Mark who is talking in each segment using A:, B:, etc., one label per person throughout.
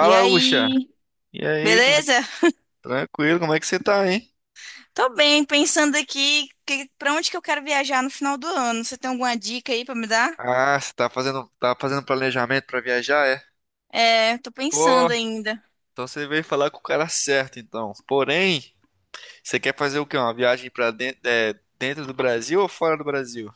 A: E
B: Ucha.
A: aí,
B: E aí, como é que...
A: beleza?
B: tranquilo, como é que você tá, hein?
A: Tô bem, pensando aqui pra onde que eu quero viajar no final do ano. Você tem alguma dica aí pra me dar?
B: Ah, você tá fazendo, planejamento pra viajar, é?
A: É, tô
B: Pô,
A: pensando ainda.
B: então você veio falar com o cara certo, então. Porém, você quer fazer o quê? Uma viagem pra dentro, é, dentro do Brasil ou fora do Brasil?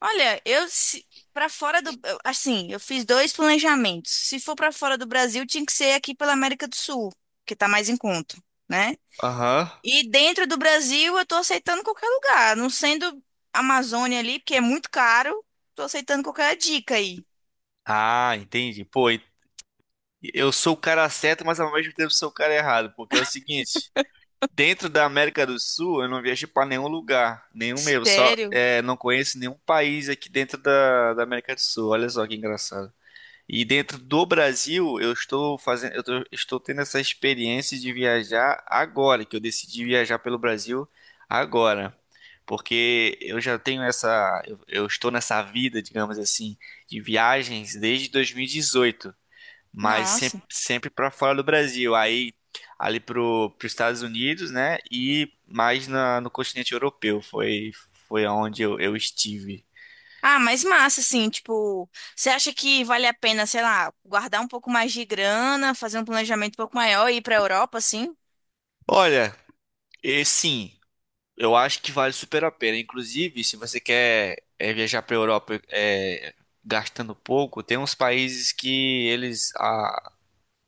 A: Olha, eu se, para fora do, eu- assim, eu fiz dois planejamentos. Se for pra fora do Brasil, tinha que ser aqui pela América do Sul, que tá mais em conta, né?
B: Aham.
A: E dentro do Brasil, eu tô aceitando qualquer lugar, não sendo Amazônia ali, porque é muito caro. Tô aceitando qualquer dica aí.
B: Ah, entendi. Eu sou o cara certo, mas ao mesmo tempo sou o cara errado, porque é o seguinte, dentro da América do Sul, eu não viajei pra nenhum lugar, nenhum mesmo, só
A: Sério?
B: é, não conheço nenhum país aqui dentro da América do Sul. Olha só que engraçado. E dentro do Brasil, eu estou fazendo, estou tendo essa experiência de viajar agora, que eu decidi viajar pelo Brasil agora. Porque eu já tenho essa, eu estou nessa vida, digamos assim, de viagens desde 2018, mas
A: Nossa.
B: sempre, sempre para fora do Brasil. Aí ali para os Estados Unidos, né? E mais no continente europeu. Foi, foi onde eu estive.
A: Ah, mas massa, assim, tipo, você acha que vale a pena, sei lá, guardar um pouco mais de grana, fazer um planejamento um pouco maior e ir pra Europa, assim?
B: Olha, e sim. Eu acho que vale super a pena. Inclusive, se você quer é, viajar para a Europa é, gastando pouco, tem uns países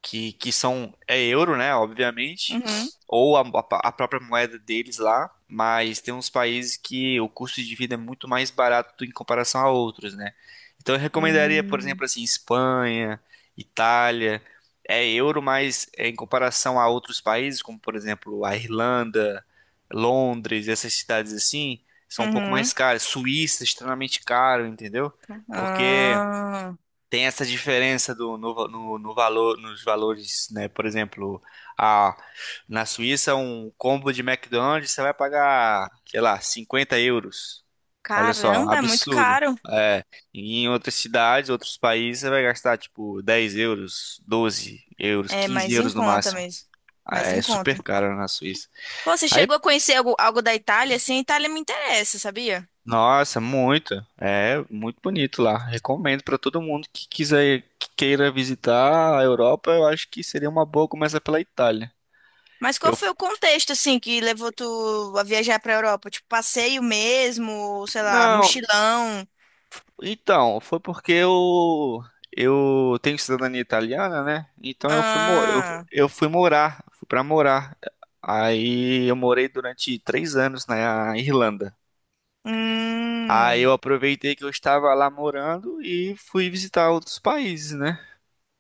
B: que, são é euro, né, obviamente,
A: Uhum.
B: ou a própria moeda deles lá, mas tem uns países que o custo de vida é muito mais barato em comparação a outros, né? Então eu recomendaria, por
A: Hum.
B: exemplo, assim, Espanha, Itália, é euro, mas é, em comparação a outros países, como por exemplo a Irlanda, Londres, essas cidades assim, são um pouco mais
A: Uhum.
B: caras. Suíça, extremamente caro, entendeu? Porque
A: Ah,
B: tem essa diferença do, no, va- no, no valor, nos valores, né? Por exemplo, a, na Suíça, um combo de McDonald's você vai pagar, sei lá, 50 euros. Olha só,
A: caramba, é muito
B: absurdo.
A: caro.
B: É, e em outras cidades, outros países, você vai gastar tipo 10 euros, 12 euros,
A: É
B: 15
A: mais em
B: euros no
A: conta
B: máximo.
A: mesmo.
B: Ah,
A: Mais
B: é
A: em conta.
B: super caro na Suíça.
A: Pô, você
B: Aí
A: chegou a conhecer algo da Itália? Assim, a Itália me interessa, sabia?
B: nossa, muito. É muito bonito lá. Recomendo para todo mundo que quiser, que queira visitar a Europa. Eu acho que seria uma boa começar pela Itália.
A: Mas qual
B: Eu
A: foi
B: f-
A: o contexto, assim, que levou tu a viajar pra Europa? Tipo, passeio mesmo, sei lá,
B: não,
A: mochilão?
B: então foi porque eu tenho cidadania italiana, né? Então
A: Ah.
B: eu fui morar, fui para morar. Aí eu morei durante três anos na Irlanda. Aí
A: Hum,
B: eu aproveitei que eu estava lá morando e fui visitar outros países, né?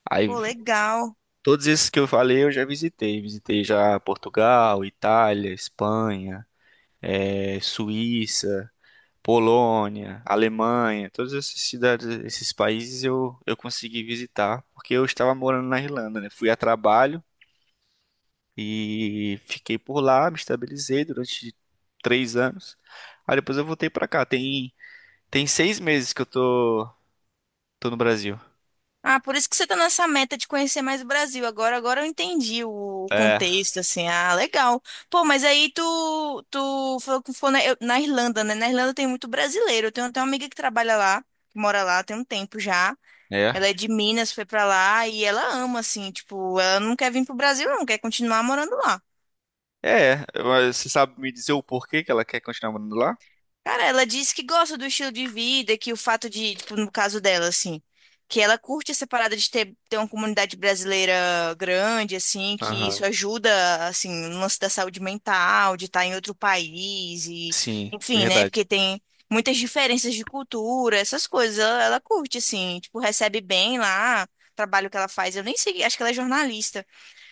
B: Aí
A: pô, legal.
B: todos esses que eu falei eu já visitei. Visitei já Portugal, Itália, Espanha, Suíça, Polônia, Alemanha. Todas essas cidades, esses países eu consegui visitar porque eu estava morando na Irlanda, né? Fui a trabalho e fiquei por lá, me estabilizei durante três anos. Aí depois eu voltei pra cá. Tem seis meses que tô no Brasil.
A: Ah, por isso que você tá nessa meta de conhecer mais o Brasil. Agora eu entendi o
B: É,
A: contexto, assim. Ah, legal. Pô, mas aí tu falou que foi na Irlanda, né? Na Irlanda tem muito brasileiro. Eu tenho até uma amiga que trabalha lá, que mora lá, tem um tempo já.
B: é.
A: Ela é de Minas, foi pra lá e ela ama, assim, tipo, ela não quer vir pro Brasil, não, quer continuar morando lá.
B: É, mas você sabe me dizer o porquê que ela quer continuar morando lá?
A: Cara, ela diz que gosta do estilo de vida, que o fato de, tipo, no caso dela, assim, que ela curte essa parada de ter uma comunidade brasileira grande, assim, que isso
B: Aham.
A: ajuda, assim, no lance da saúde mental, de estar em outro país e,
B: Sim,
A: enfim, né?
B: verdade.
A: Porque tem muitas diferenças de cultura, essas coisas. Ela curte, assim, tipo, recebe bem lá, o trabalho que ela faz. Eu nem sei, acho que ela é jornalista.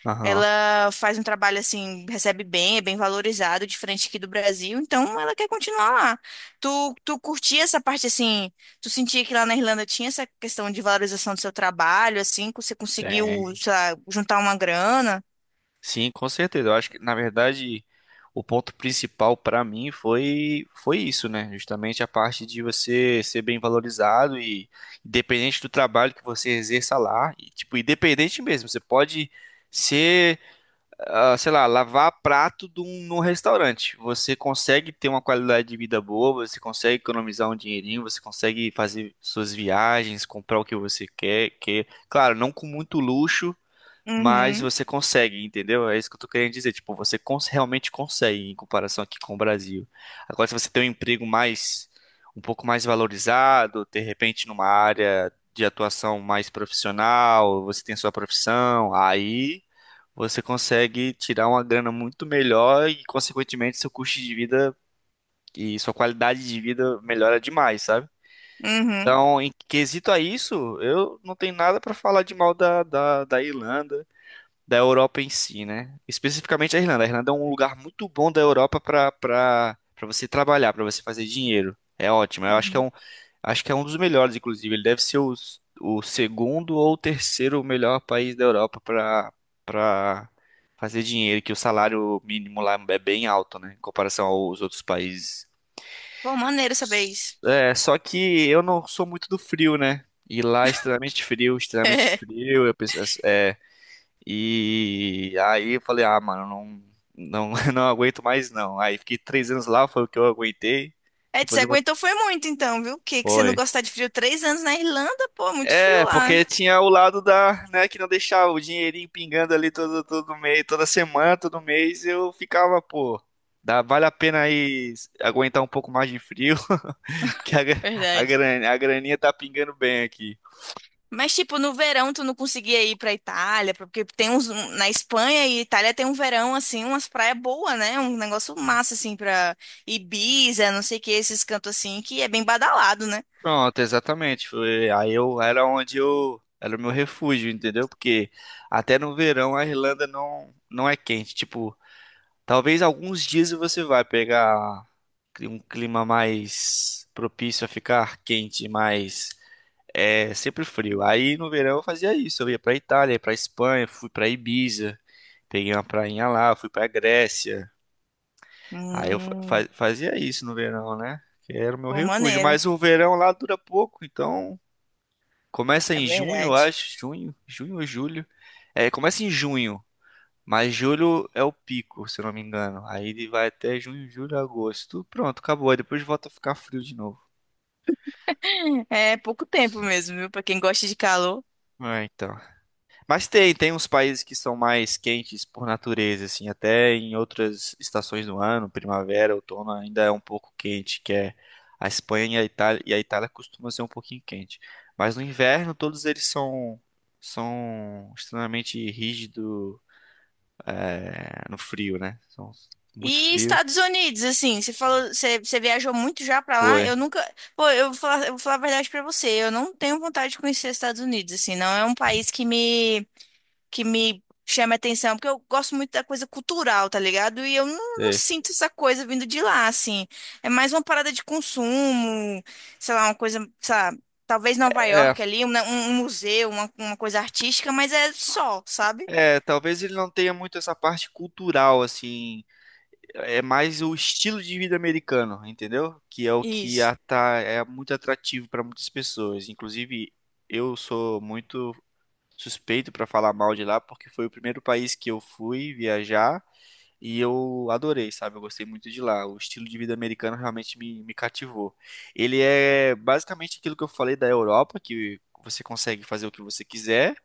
B: Aham.
A: Ela faz um trabalho assim, recebe bem, é bem valorizado, diferente aqui do Brasil, então ela quer continuar lá. Tu curtia essa parte assim, tu sentia que lá na Irlanda tinha essa questão de valorização do seu trabalho, assim, que você conseguiu,
B: Tem.
A: sei lá, juntar uma grana?
B: Sim, com certeza. Eu acho que, na verdade, o ponto principal pra mim foi isso, né? Justamente a parte de você ser bem valorizado e independente do trabalho que você exerça lá, e, tipo, independente mesmo, você pode ser ah, sei lá, lavar prato de num restaurante. Você consegue ter uma qualidade de vida boa, você consegue economizar um dinheirinho, você consegue fazer suas viagens, comprar o que você quer, que, claro, não com muito luxo, mas
A: Uhum,
B: você consegue, entendeu? É isso que eu tô querendo dizer. Tipo, realmente consegue em comparação aqui com o Brasil. Agora, se você tem um emprego mais, um pouco mais valorizado, de repente numa área de atuação mais profissional, você tem sua profissão, aí você consegue tirar uma grana muito melhor e, consequentemente, seu custo de vida e sua qualidade de vida melhora demais, sabe?
A: uhum.
B: Então, em quesito a isso, eu não tenho nada pra falar de mal da Irlanda da Europa em si, né? Especificamente a Irlanda. A Irlanda é um lugar muito bom da Europa para você trabalhar, para você fazer dinheiro. É ótimo. Eu acho que acho que é um dos melhores, inclusive. Ele deve ser o segundo ou terceiro melhor país da Europa para fazer dinheiro, que o salário mínimo lá é bem alto, né, em comparação aos outros países.
A: Pô, maneiro saber isso.
B: É, só que eu não sou muito do frio, né? E lá é extremamente frio, extremamente frio. Eu penso, é, e aí eu falei, ah, mano, não, não, não aguento mais não. Aí fiquei três anos lá, foi o que eu aguentei.
A: É, você
B: Depois eu botei.
A: aguentou foi muito então, viu? O que que você não
B: Foi.
A: gostar de frio? 3 anos na Irlanda, pô, muito frio
B: É,
A: lá.
B: porque tinha o lado da, né, que não deixava o dinheirinho pingando ali todo, todo mês, toda semana, todo mês, eu ficava, pô, dá, vale a pena aí aguentar um pouco mais de frio, porque a, gra- a,
A: Verdade.
B: gran- a graninha tá pingando bem aqui.
A: Mas, tipo, no verão tu não conseguia ir pra Itália, porque na Espanha e Itália tem um verão, assim, umas praias boas, né? Um negócio massa, assim, pra Ibiza, não sei o que, esses cantos assim, que é bem badalado, né?
B: Pronto, exatamente. Foi, aí eu era onde eu era o meu refúgio, entendeu? Porque até no verão a Irlanda não é quente. Tipo, talvez alguns dias você vai pegar um clima mais propício a ficar quente, mas é sempre frio. Aí no verão eu fazia isso. Eu ia pra Itália, ia pra Espanha, fui pra Ibiza, peguei uma prainha lá, fui pra Grécia. Aí
A: Hum,
B: fazia isso no verão, né? Que era o meu
A: pô,
B: refúgio.
A: maneiro.
B: Mas o verão lá dura pouco, então começa
A: É
B: em junho, eu
A: verdade.
B: acho. Junho, junho ou julho? É, começa em junho, mas julho é o pico, se eu não me engano. Aí ele vai até junho, julho, agosto. Pronto, acabou. Aí depois volta a ficar frio de novo.
A: É pouco tempo mesmo, viu? Pra quem gosta de calor.
B: É, então. Tem uns países que são mais quentes por natureza, assim, até em outras estações do ano, primavera, outono, ainda é um pouco quente, que é a Espanha e a Itália costuma ser um pouquinho quente. Mas no inverno todos eles são extremamente rígidos, é, no frio, né? São muito
A: E
B: frio.
A: Estados Unidos, assim, você falou, você viajou muito já pra lá?
B: Foi.
A: Eu nunca, pô, eu vou falar a verdade pra você, eu não tenho vontade de conhecer os Estados Unidos, assim, não é um país que me chama a atenção, porque eu gosto muito da coisa cultural, tá ligado? E eu não
B: Sei.
A: sinto essa coisa vindo de lá, assim. É mais uma parada de consumo, sei lá, uma coisa, sei lá, talvez Nova
B: É,
A: York ali, um museu, uma coisa artística, mas é só, sabe?
B: é, talvez ele não tenha muito essa parte cultural, assim. É mais o estilo de vida americano, entendeu? Que é o
A: Isso.
B: é muito atrativo para muitas pessoas. Inclusive, eu sou muito suspeito para falar mal de lá, porque foi o primeiro país que eu fui viajar. E eu adorei, sabe? Eu gostei muito de lá. O estilo de vida americano realmente me cativou. Ele é basicamente aquilo que eu falei da Europa, que você consegue fazer o que você quiser,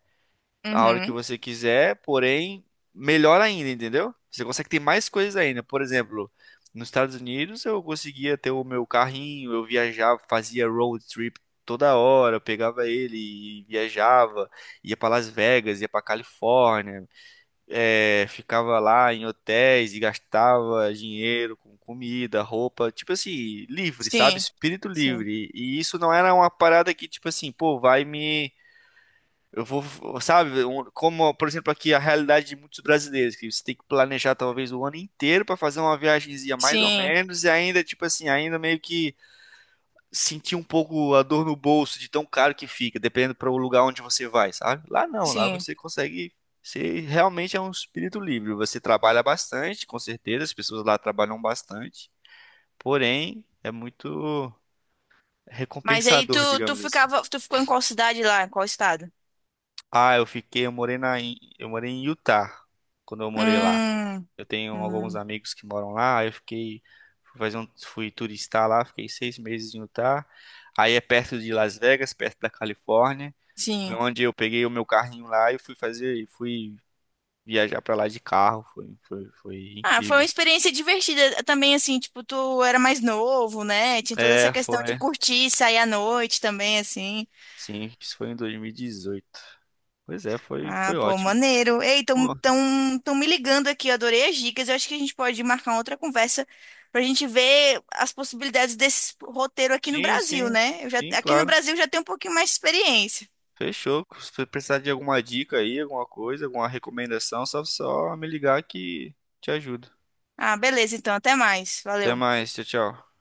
B: a hora que
A: Uhum.
B: você quiser, porém, melhor ainda, entendeu? Você consegue ter mais coisas ainda. Por exemplo, nos Estados Unidos eu conseguia ter o meu carrinho, eu viajava, fazia road trip toda hora, eu pegava ele e viajava, ia para Las Vegas, ia para Califórnia é, ficava lá em hotéis e gastava dinheiro com comida, roupa, tipo assim, livre, sabe?
A: Sim,
B: Espírito
A: sim,
B: livre. E isso não era uma parada que, tipo assim, pô, vai me. Eu vou, sabe? Como, por exemplo, aqui a realidade de muitos brasileiros, que você tem que planejar talvez o ano inteiro para fazer uma viagemzinha mais ou
A: sim,
B: menos, e ainda, tipo assim, ainda meio que sentir um pouco a dor no bolso de tão caro que fica, dependendo para o lugar onde você vai, sabe? Lá não, lá
A: sim.
B: você consegue. Você realmente é um espírito livre. Você trabalha bastante, com certeza, as pessoas lá trabalham bastante. Porém, é muito
A: Mas aí tu,
B: recompensador,
A: tu
B: digamos assim.
A: ficava, tu ficou em qual cidade lá, em qual estado?
B: Ah, eu fiquei, eu morei em Utah, quando eu morei lá.
A: Hum,
B: Eu tenho alguns
A: hum,
B: amigos que moram lá, aí eu fiquei, fui turistar lá, fiquei seis meses em Utah. Aí é perto de Las Vegas, perto da Califórnia. Foi
A: sim.
B: onde eu peguei o meu carrinho lá e fui viajar pra lá de carro. Foi
A: Ah, foi uma
B: incrível.
A: experiência divertida também, assim, tipo, tu era mais novo, né? Tinha toda essa
B: É,
A: questão de
B: foi.
A: curtir, sair à noite também, assim.
B: Sim, isso foi em 2018. Pois é, foi,
A: Ah,
B: foi
A: pô,
B: ótimo.
A: maneiro. Ei, tão,
B: Pô,
A: tão, tão me ligando aqui, eu adorei as dicas. Eu acho que a gente pode marcar uma outra conversa pra gente ver as possibilidades desse roteiro aqui no
B: sim,
A: Brasil,
B: sim,
A: né?
B: sim,
A: Aqui no
B: claro.
A: Brasil eu já tenho um pouquinho mais de experiência.
B: Fechou. Se você precisar de alguma dica aí, alguma coisa, alguma recomendação, só me ligar que te ajudo.
A: Ah, beleza, então, até mais.
B: Até
A: Valeu.
B: mais, tchau, tchau.